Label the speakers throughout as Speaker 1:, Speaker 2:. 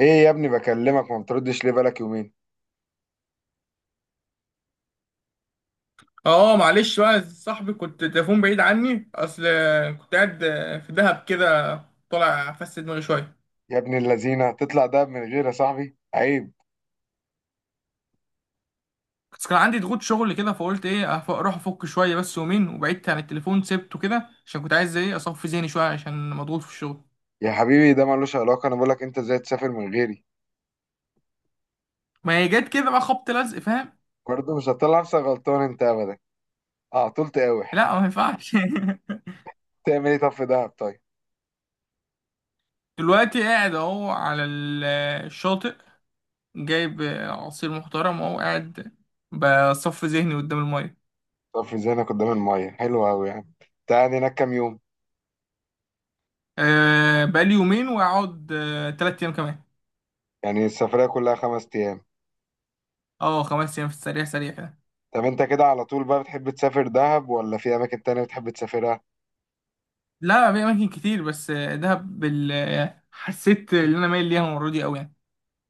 Speaker 1: ايه يا ابني، بكلمك ما بتردش ليه؟ بقالك يومين.
Speaker 2: اه، معلش بقى صاحبي، كنت تليفون بعيد عني، اصل كنت قاعد في دهب كده طالع افس دماغي شويه.
Speaker 1: يا ابن اللذينه، تطلع دهب من غيري يا صاحبي؟ عيب.
Speaker 2: بس كان عندي ضغوط شغل كده، فقلت ايه اروح افك شويه بس يومين، وبعدت عن التليفون سبته كده عشان كنت عايز ايه اصفي ذهني شويه عشان مضغوط في الشغل.
Speaker 1: يا حبيبي، ده ملوش علاقه. انا بقولك انت ازاي تسافر من غيري؟
Speaker 2: ما هي جت كده بقى خبط لزق، فاهم؟
Speaker 1: برضه مش هتطلع نفسك غلطان انت ابدا. اه، طول تقاوح.
Speaker 2: لا، ما ينفعش.
Speaker 1: تعمل ايه طب في دهب؟ طيب.
Speaker 2: دلوقتي قاعد اهو على الشاطئ، جايب عصير محترم، اهو قاعد بصفي ذهني قدام الميه.
Speaker 1: طب ذهنك قدام الميه حلو قوي يعني. تقعد هناك كام يوم؟
Speaker 2: أه، بقالي يومين، واقعد تلات ايام كمان.
Speaker 1: يعني السفريه كلها 5 ايام؟
Speaker 2: اه، خمس ايام في السريع سريع كده.
Speaker 1: طب انت كده على طول بقى، بتحب تسافر دهب ولا في اماكن تانية بتحب تسافرها؟
Speaker 2: لا، في اماكن كتير بس دهب حسيت ان انا مايل ليها المره دي قوي يعني.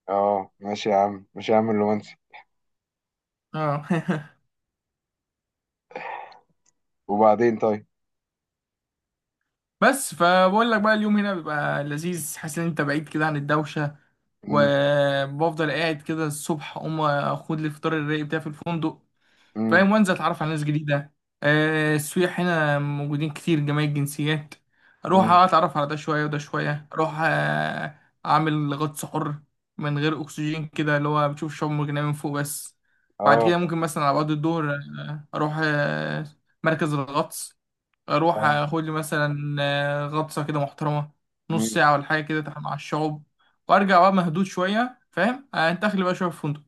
Speaker 1: اه ماشي يا عم، ماشي يا عم الرومانسي.
Speaker 2: اه.
Speaker 1: وبعدين طيب.
Speaker 2: بس فبقول لك بقى، اليوم هنا بيبقى لذيذ، حاسس ان انت بعيد كده عن الدوشه،
Speaker 1: امم.
Speaker 2: وبفضل قاعد كده الصبح اقوم اخد لي الفطار الرايق بتاعي في الفندق،
Speaker 1: امم.
Speaker 2: فاهم؟ وانزل اتعرف على ناس جديده. السياح هنا موجودين كتير، جميع الجنسيات. اروح
Speaker 1: امم.
Speaker 2: اتعرف على ده شويه وده شويه، اروح اعمل غطس حر من غير اكسجين كده، اللي هو بتشوف الشعاب المرجانيه من فوق بس. بعد
Speaker 1: اه
Speaker 2: كده ممكن مثلا على بعد الظهر، اروح مركز الغطس، اروح اخد لي مثلا غطسه كده محترمه، نص ساعه ولا حاجه كده، مع الشعوب. وارجع بقى مهدود شويه، فاهم؟ انت اخلي بقى شويه في فندق.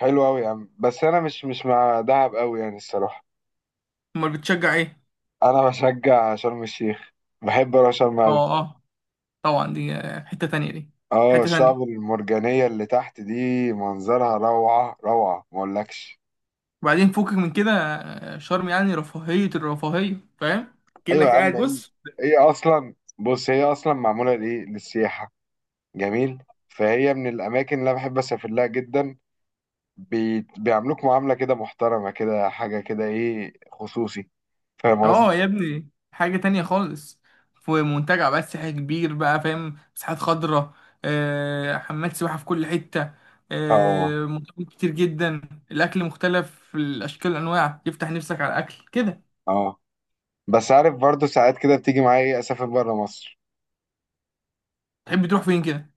Speaker 1: حلو قوي يا عم، بس انا مش مع دهب قوي يعني الصراحه.
Speaker 2: امال بتشجع ايه؟
Speaker 1: انا بشجع شرم الشيخ. بحب اروح شرم قوي.
Speaker 2: اه، اه، طبعا دي حتة تانية. دي
Speaker 1: اه
Speaker 2: حتة تانية.
Speaker 1: الشعب المرجانيه اللي تحت دي منظرها روعه روعه، ما اقولكش.
Speaker 2: وبعدين فوقك من كده، شرم يعني رفاهية الرفاهية، فاهم؟
Speaker 1: ايوه يا
Speaker 2: كأنك
Speaker 1: عم.
Speaker 2: قاعد
Speaker 1: ايه؟
Speaker 2: بص.
Speaker 1: ايه اصلا؟ بص، هي اصلا معموله لايه؟ للسياحه. جميل، فهي من الاماكن اللي انا بحب اسافر لها جدا. بيعاملوك معامله كده محترمه، كده حاجه، كده ايه، خصوصي. فاهم
Speaker 2: اه
Speaker 1: قصدي؟
Speaker 2: يا ابني، حاجة تانية خالص. في منتجع بقى سياحي كبير بقى، فاهم؟ مساحات خضراء، حمامات سباحة في كل حتة،
Speaker 1: اه
Speaker 2: مطاعم كتير جدا. الأكل مختلف الأشكال والأنواع، يفتح نفسك على الأكل كده.
Speaker 1: اه. بس عارف برضو ساعات كده بتيجي معايا اسافر بره مصر.
Speaker 2: تحب تروح فين كده؟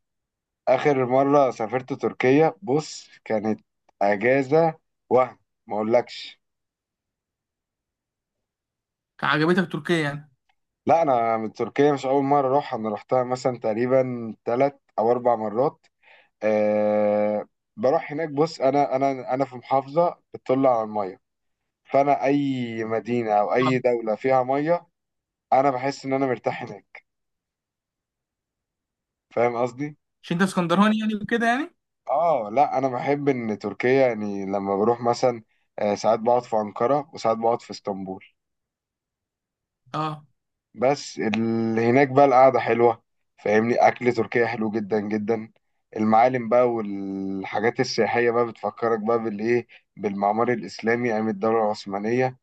Speaker 1: آخر مرة سافرت تركيا. بص، كانت أجازة وهم، ما أقولكش.
Speaker 2: عجبتك تركيا يعني؟
Speaker 1: لا، أنا من تركيا مش أول مرة أروحها. أنا روحتها مثلا تقريبا 3 أو 4 مرات. أه، بروح هناك. بص، أنا في محافظة بتطل على المية. فأنا أي مدينة أو أي
Speaker 2: اه.
Speaker 1: دولة فيها مية، أنا بحس إن أنا مرتاح هناك. فاهم قصدي؟
Speaker 2: عشان انت اسكندراني يعني وكده يعني.
Speaker 1: آه لا، أنا بحب إن تركيا يعني. لما بروح مثلا، ساعات بقعد في أنقرة وساعات بقعد في اسطنبول.
Speaker 2: اه،
Speaker 1: بس اللي هناك بقى القعدة حلوة، فاهمني؟ أكل تركيا حلو جدا جدا. المعالم بقى والحاجات السياحية بقى بتفكرك بقى بالإيه؟ بالمعمار الإسلامي أيام الدولة العثمانية.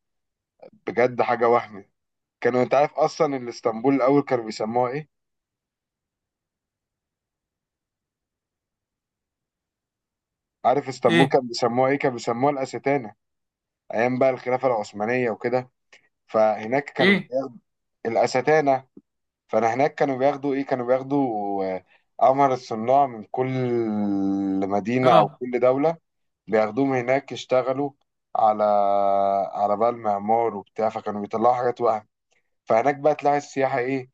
Speaker 1: بجد حاجة وهم. أنت عارف أصلا إن اسطنبول الأول كانوا بيسموها إيه؟ عارف اسطنبول
Speaker 2: ايه،
Speaker 1: كانوا بيسموها إيه؟ كانوا بيسموها الأستانة، أيام بقى الخلافة العثمانية وكده. فهناك كانوا
Speaker 2: ايه،
Speaker 1: بياخدوا الأستانة. فأنا هناك كانوا بياخدوا إيه؟ كانوا بياخدوا أمهر الصناع من كل مدينة أو
Speaker 2: اه.
Speaker 1: كل دولة. بياخدوهم هناك يشتغلوا على، بقى المعمار وبتاع، فكانوا بيطلعوا حاجات وهم. فهناك بقى تلاقي السياحة إيه؟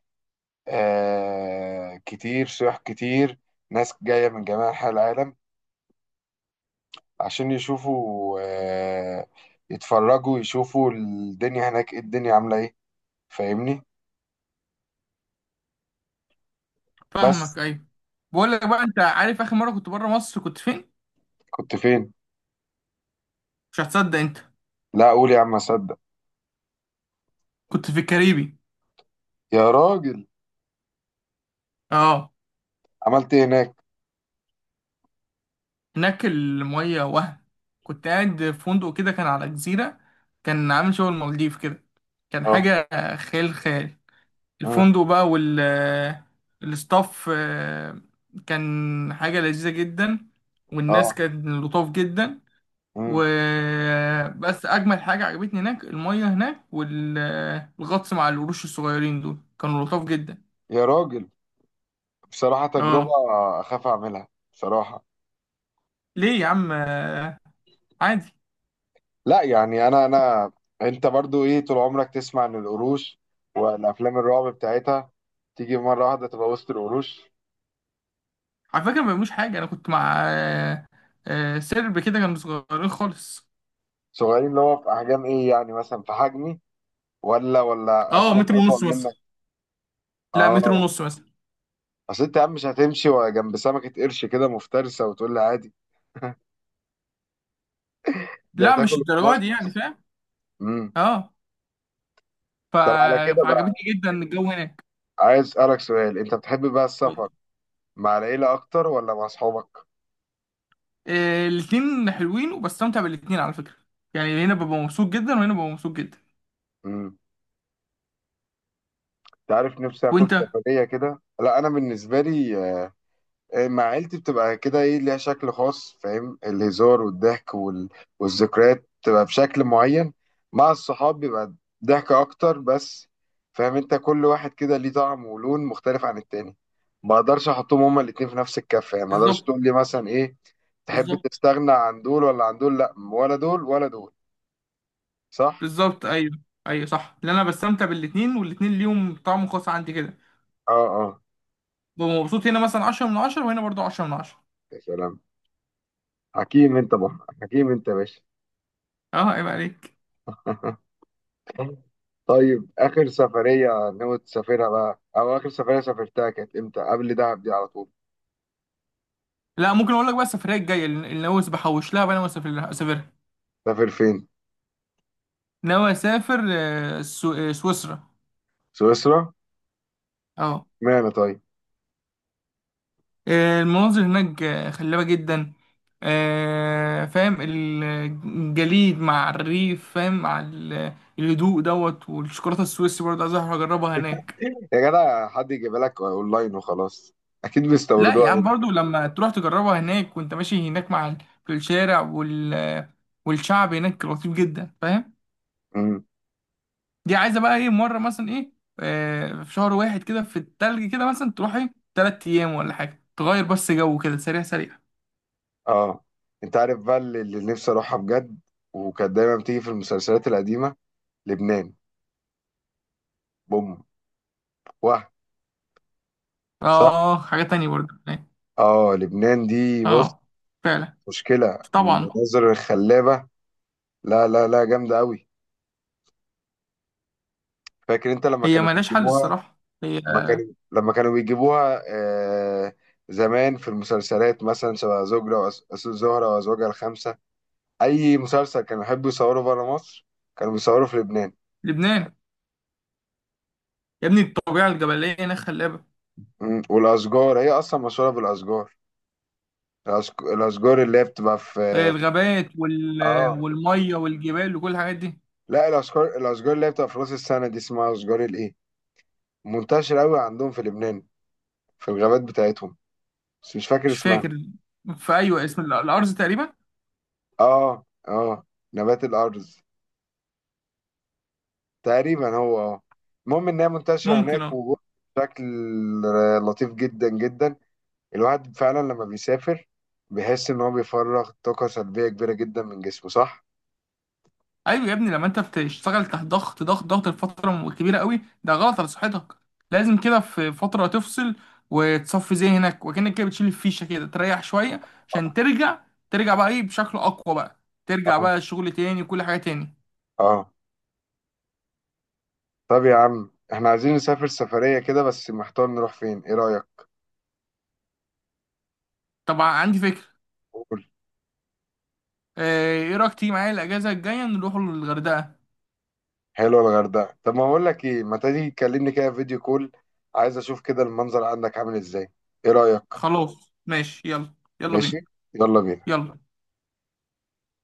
Speaker 1: آه، كتير سياح كتير. ناس جاية من جميع أنحاء العالم عشان يشوفوا، يتفرجوا، يشوفوا الدنيا هناك إيه، الدنيا عاملة إيه. فاهمني؟ بس.
Speaker 2: فاهمك، ايوه. بقول لك بقى، انت عارف اخر مره كنت بره مصر كنت فين؟
Speaker 1: كنت فين؟
Speaker 2: مش هتصدق انت.
Speaker 1: لا، أقول يا عم أصدق.
Speaker 2: كنت في الكاريبي.
Speaker 1: يا راجل،
Speaker 2: اه،
Speaker 1: عملت إيه هناك؟
Speaker 2: هناك الميه وهم. كنت قاعد في فندق كده، كان على جزيره، كان عامل شغل المالديف كده، كان
Speaker 1: أه.
Speaker 2: حاجه خيال خيال.
Speaker 1: أمم.
Speaker 2: الفندق بقى الستاف، كان حاجه لذيذه جدا، والناس
Speaker 1: أه.
Speaker 2: كانت لطاف جدا.
Speaker 1: أمم.
Speaker 2: وبس اجمل حاجه عجبتني هناك الميه هناك، والغطس مع القروش الصغيرين دول، كانوا لطاف جدا.
Speaker 1: يا راجل، بصراحة تجربة
Speaker 2: اه.
Speaker 1: أخاف أعملها، بصراحة.
Speaker 2: ليه يا عم؟ عادي،
Speaker 1: لا يعني انا. انت برضو ايه، طول عمرك تسمع ان القروش والافلام الرعب بتاعتها، تيجي مره واحده تبقى وسط القروش.
Speaker 2: على فكره ما بيعملوش حاجه. انا كنت مع سرب كده، كانوا صغيرين خالص.
Speaker 1: صغيرين اللي هو في احجام ايه يعني؟ مثلا في حجمي، ولا
Speaker 2: اه،
Speaker 1: اسماك
Speaker 2: متر ونص
Speaker 1: اطول
Speaker 2: مثلا.
Speaker 1: منك؟
Speaker 2: لا، متر
Speaker 1: اه.
Speaker 2: ونص مثلا.
Speaker 1: اصل انت يا عم مش هتمشي جنب سمكه قرش كده مفترسه وتقول لي عادي. ده
Speaker 2: لا، مش
Speaker 1: هتاكل
Speaker 2: الدرجه دي يعني،
Speaker 1: مصمص.
Speaker 2: فاهم؟
Speaker 1: امم.
Speaker 2: اه. ف-
Speaker 1: طب على كده بقى،
Speaker 2: فعجبتني جدا الجو هناك.
Speaker 1: عايز اسالك سؤال. انت بتحب بقى السفر مع العيله اكتر ولا مع اصحابك؟
Speaker 2: الاتنين حلوين وبستمتع بالاتنين على فكره. يعني هنا ببقى مبسوط جدا، وهنا ببقى مبسوط جدا.
Speaker 1: امم. تعرف نفسي اخد
Speaker 2: وانت؟
Speaker 1: سفريه كده. لا، انا بالنسبه لي مع عيلتي بتبقى كده ايه، ليها شكل خاص، فاهم؟ الهزار والضحك والذكريات بتبقى بشكل معين. مع الصحاب بيبقى ضحك اكتر بس، فاهم؟ انت كل واحد كده ليه طعم ولون مختلف عن التاني. ما اقدرش احطهم هما الاتنين في نفس الكفة يعني. ما اقدرش
Speaker 2: بالظبط،
Speaker 1: تقول لي مثلا ايه، تحب
Speaker 2: بالظبط.
Speaker 1: تستغنى عن دول ولا عن دول؟ لا، ولا دول ولا دول. صح.
Speaker 2: بالظبط، ايوه. ايوه صح، لان انا بستمتع بالاتنين، والاتنين ليهم طعم خاص عندي كده.
Speaker 1: اه اه.
Speaker 2: ببقى مبسوط هنا مثلا 10 من 10، وهنا برضو 10 من 10.
Speaker 1: يا سلام، حكيم انت بقى، حكيم انت يا باشا.
Speaker 2: اه، عيب عليك.
Speaker 1: طيب، آخر سفرية ناوي تسافرها بقى، أو آخر سفرية سافرتها كانت إمتى؟ قبل دهب دي على طول؟
Speaker 2: لا، ممكن اقول لك بقى، السفريه الجايه اللي ناوي بحوش لها بقى، ناوي اسافر لها اسافرها.
Speaker 1: سافر فين؟
Speaker 2: ناوي اسافر سويسرا.
Speaker 1: سويسرا؟
Speaker 2: اه.
Speaker 1: معنى طيب.
Speaker 2: المناظر هناك خلابه جدا. فاهم، الجليد مع الريف، فاهم، مع الهدوء دوت، والشوكولاته السويسي برضه عايز أروح اجربها هناك.
Speaker 1: يا جدع، حد يجيب لك أونلاين وخلاص. أكيد
Speaker 2: لا
Speaker 1: بيستوردوها
Speaker 2: يا عم،
Speaker 1: هنا.
Speaker 2: برضو لما تروح تجربها هناك وانت ماشي هناك، مع في الشارع والشعب هناك لطيف جدا، فاهم؟
Speaker 1: امم.
Speaker 2: دي عايزه بقى ايه مره مثلا ايه. في شهر واحد كده في التلج كده، مثلا تروح ايه تلات ايام ولا حاجه، تغير بس جو كده سريع سريع.
Speaker 1: أه، أنت عارف بقى اللي نفسي أروحها بجد، وكانت دايما بتيجي في المسلسلات القديمة؟ لبنان. بوم. واه. صح؟
Speaker 2: اه، حاجه تانية برضو هناك.
Speaker 1: أه، لبنان دي بص،
Speaker 2: اه، فعلا.
Speaker 1: مشكلة
Speaker 2: طبعا.
Speaker 1: المناظر الخلابة. لا لا لا، جامدة أوي. فاكر أنت لما
Speaker 2: هي
Speaker 1: كانوا
Speaker 2: ملهاش حل
Speaker 1: بيجيبوها؟
Speaker 2: الصراحه هي.
Speaker 1: لما كانوا بيجيبوها زمان، في المسلسلات مثلا شبه زوجة زهرة وأزواجها الخمسة. أي مسلسل كانوا يحبوا يصوروا بره مصر كانوا بيصوروا في لبنان.
Speaker 2: لبنان. يا ابني، الطبيعه الجبليه هناك خلابه.
Speaker 1: مم، والأشجار هي أصلا مشهورة بالأشجار. الأشجار اللي هي بتبقى في،
Speaker 2: الغابات
Speaker 1: آه
Speaker 2: والميه والجبال وكل الحاجات دي.
Speaker 1: لا الأشجار، اللي هي بتبقى في رأس السنة دي، اسمها أشجار الإيه؟ منتشرة أوي عندهم في لبنان في الغابات بتاعتهم، بس مش فاكر
Speaker 2: مش
Speaker 1: اسمها.
Speaker 2: فاكر. في، ايوه، اسم الارز تقريبا.
Speaker 1: آه آه، نبات الأرز تقريبا هو. اه، المهم انها منتشره
Speaker 2: ممكن،
Speaker 1: هناك
Speaker 2: اه.
Speaker 1: وجوه بشكل لطيف جدا جدا. الواحد فعلا لما بيسافر بيحس ان هو بيفرغ طاقه سلبيه كبيره جدا من جسمه، صح.
Speaker 2: ايوه يا ابني، لما انت بتشتغل تحت ضغط ضغط ضغط لفتره كبيره قوي، ده غلط على صحتك. لازم كده في فتره تفصل، وتصفي ذهنك، وكأنك كده بتشيل الفيشه كده، تريح شويه عشان ترجع. ترجع بقى ايه بشكل اقوى بقى. ترجع
Speaker 1: اه.
Speaker 2: بقى الشغل تاني وكل حاجه تاني.
Speaker 1: اه. طب يا عم، احنا عايزين نسافر سفريه كده بس محتار نروح فين، ايه رايك؟
Speaker 2: طبعا عندي فكره.
Speaker 1: قول.
Speaker 2: ايه رايك تيجي معايا الاجازه الجايه نروح الغردقه؟
Speaker 1: حلوه الغردقه. طب ما اقول لك ايه، ما تيجي تكلمني كده فيديو كول، عايز اشوف كده المنظر عندك عامل ازاي. ايه رايك؟
Speaker 2: خلاص ماشي، يلا، يلا
Speaker 1: ماشي.
Speaker 2: بينا،
Speaker 1: يلا بينا.
Speaker 2: يلا.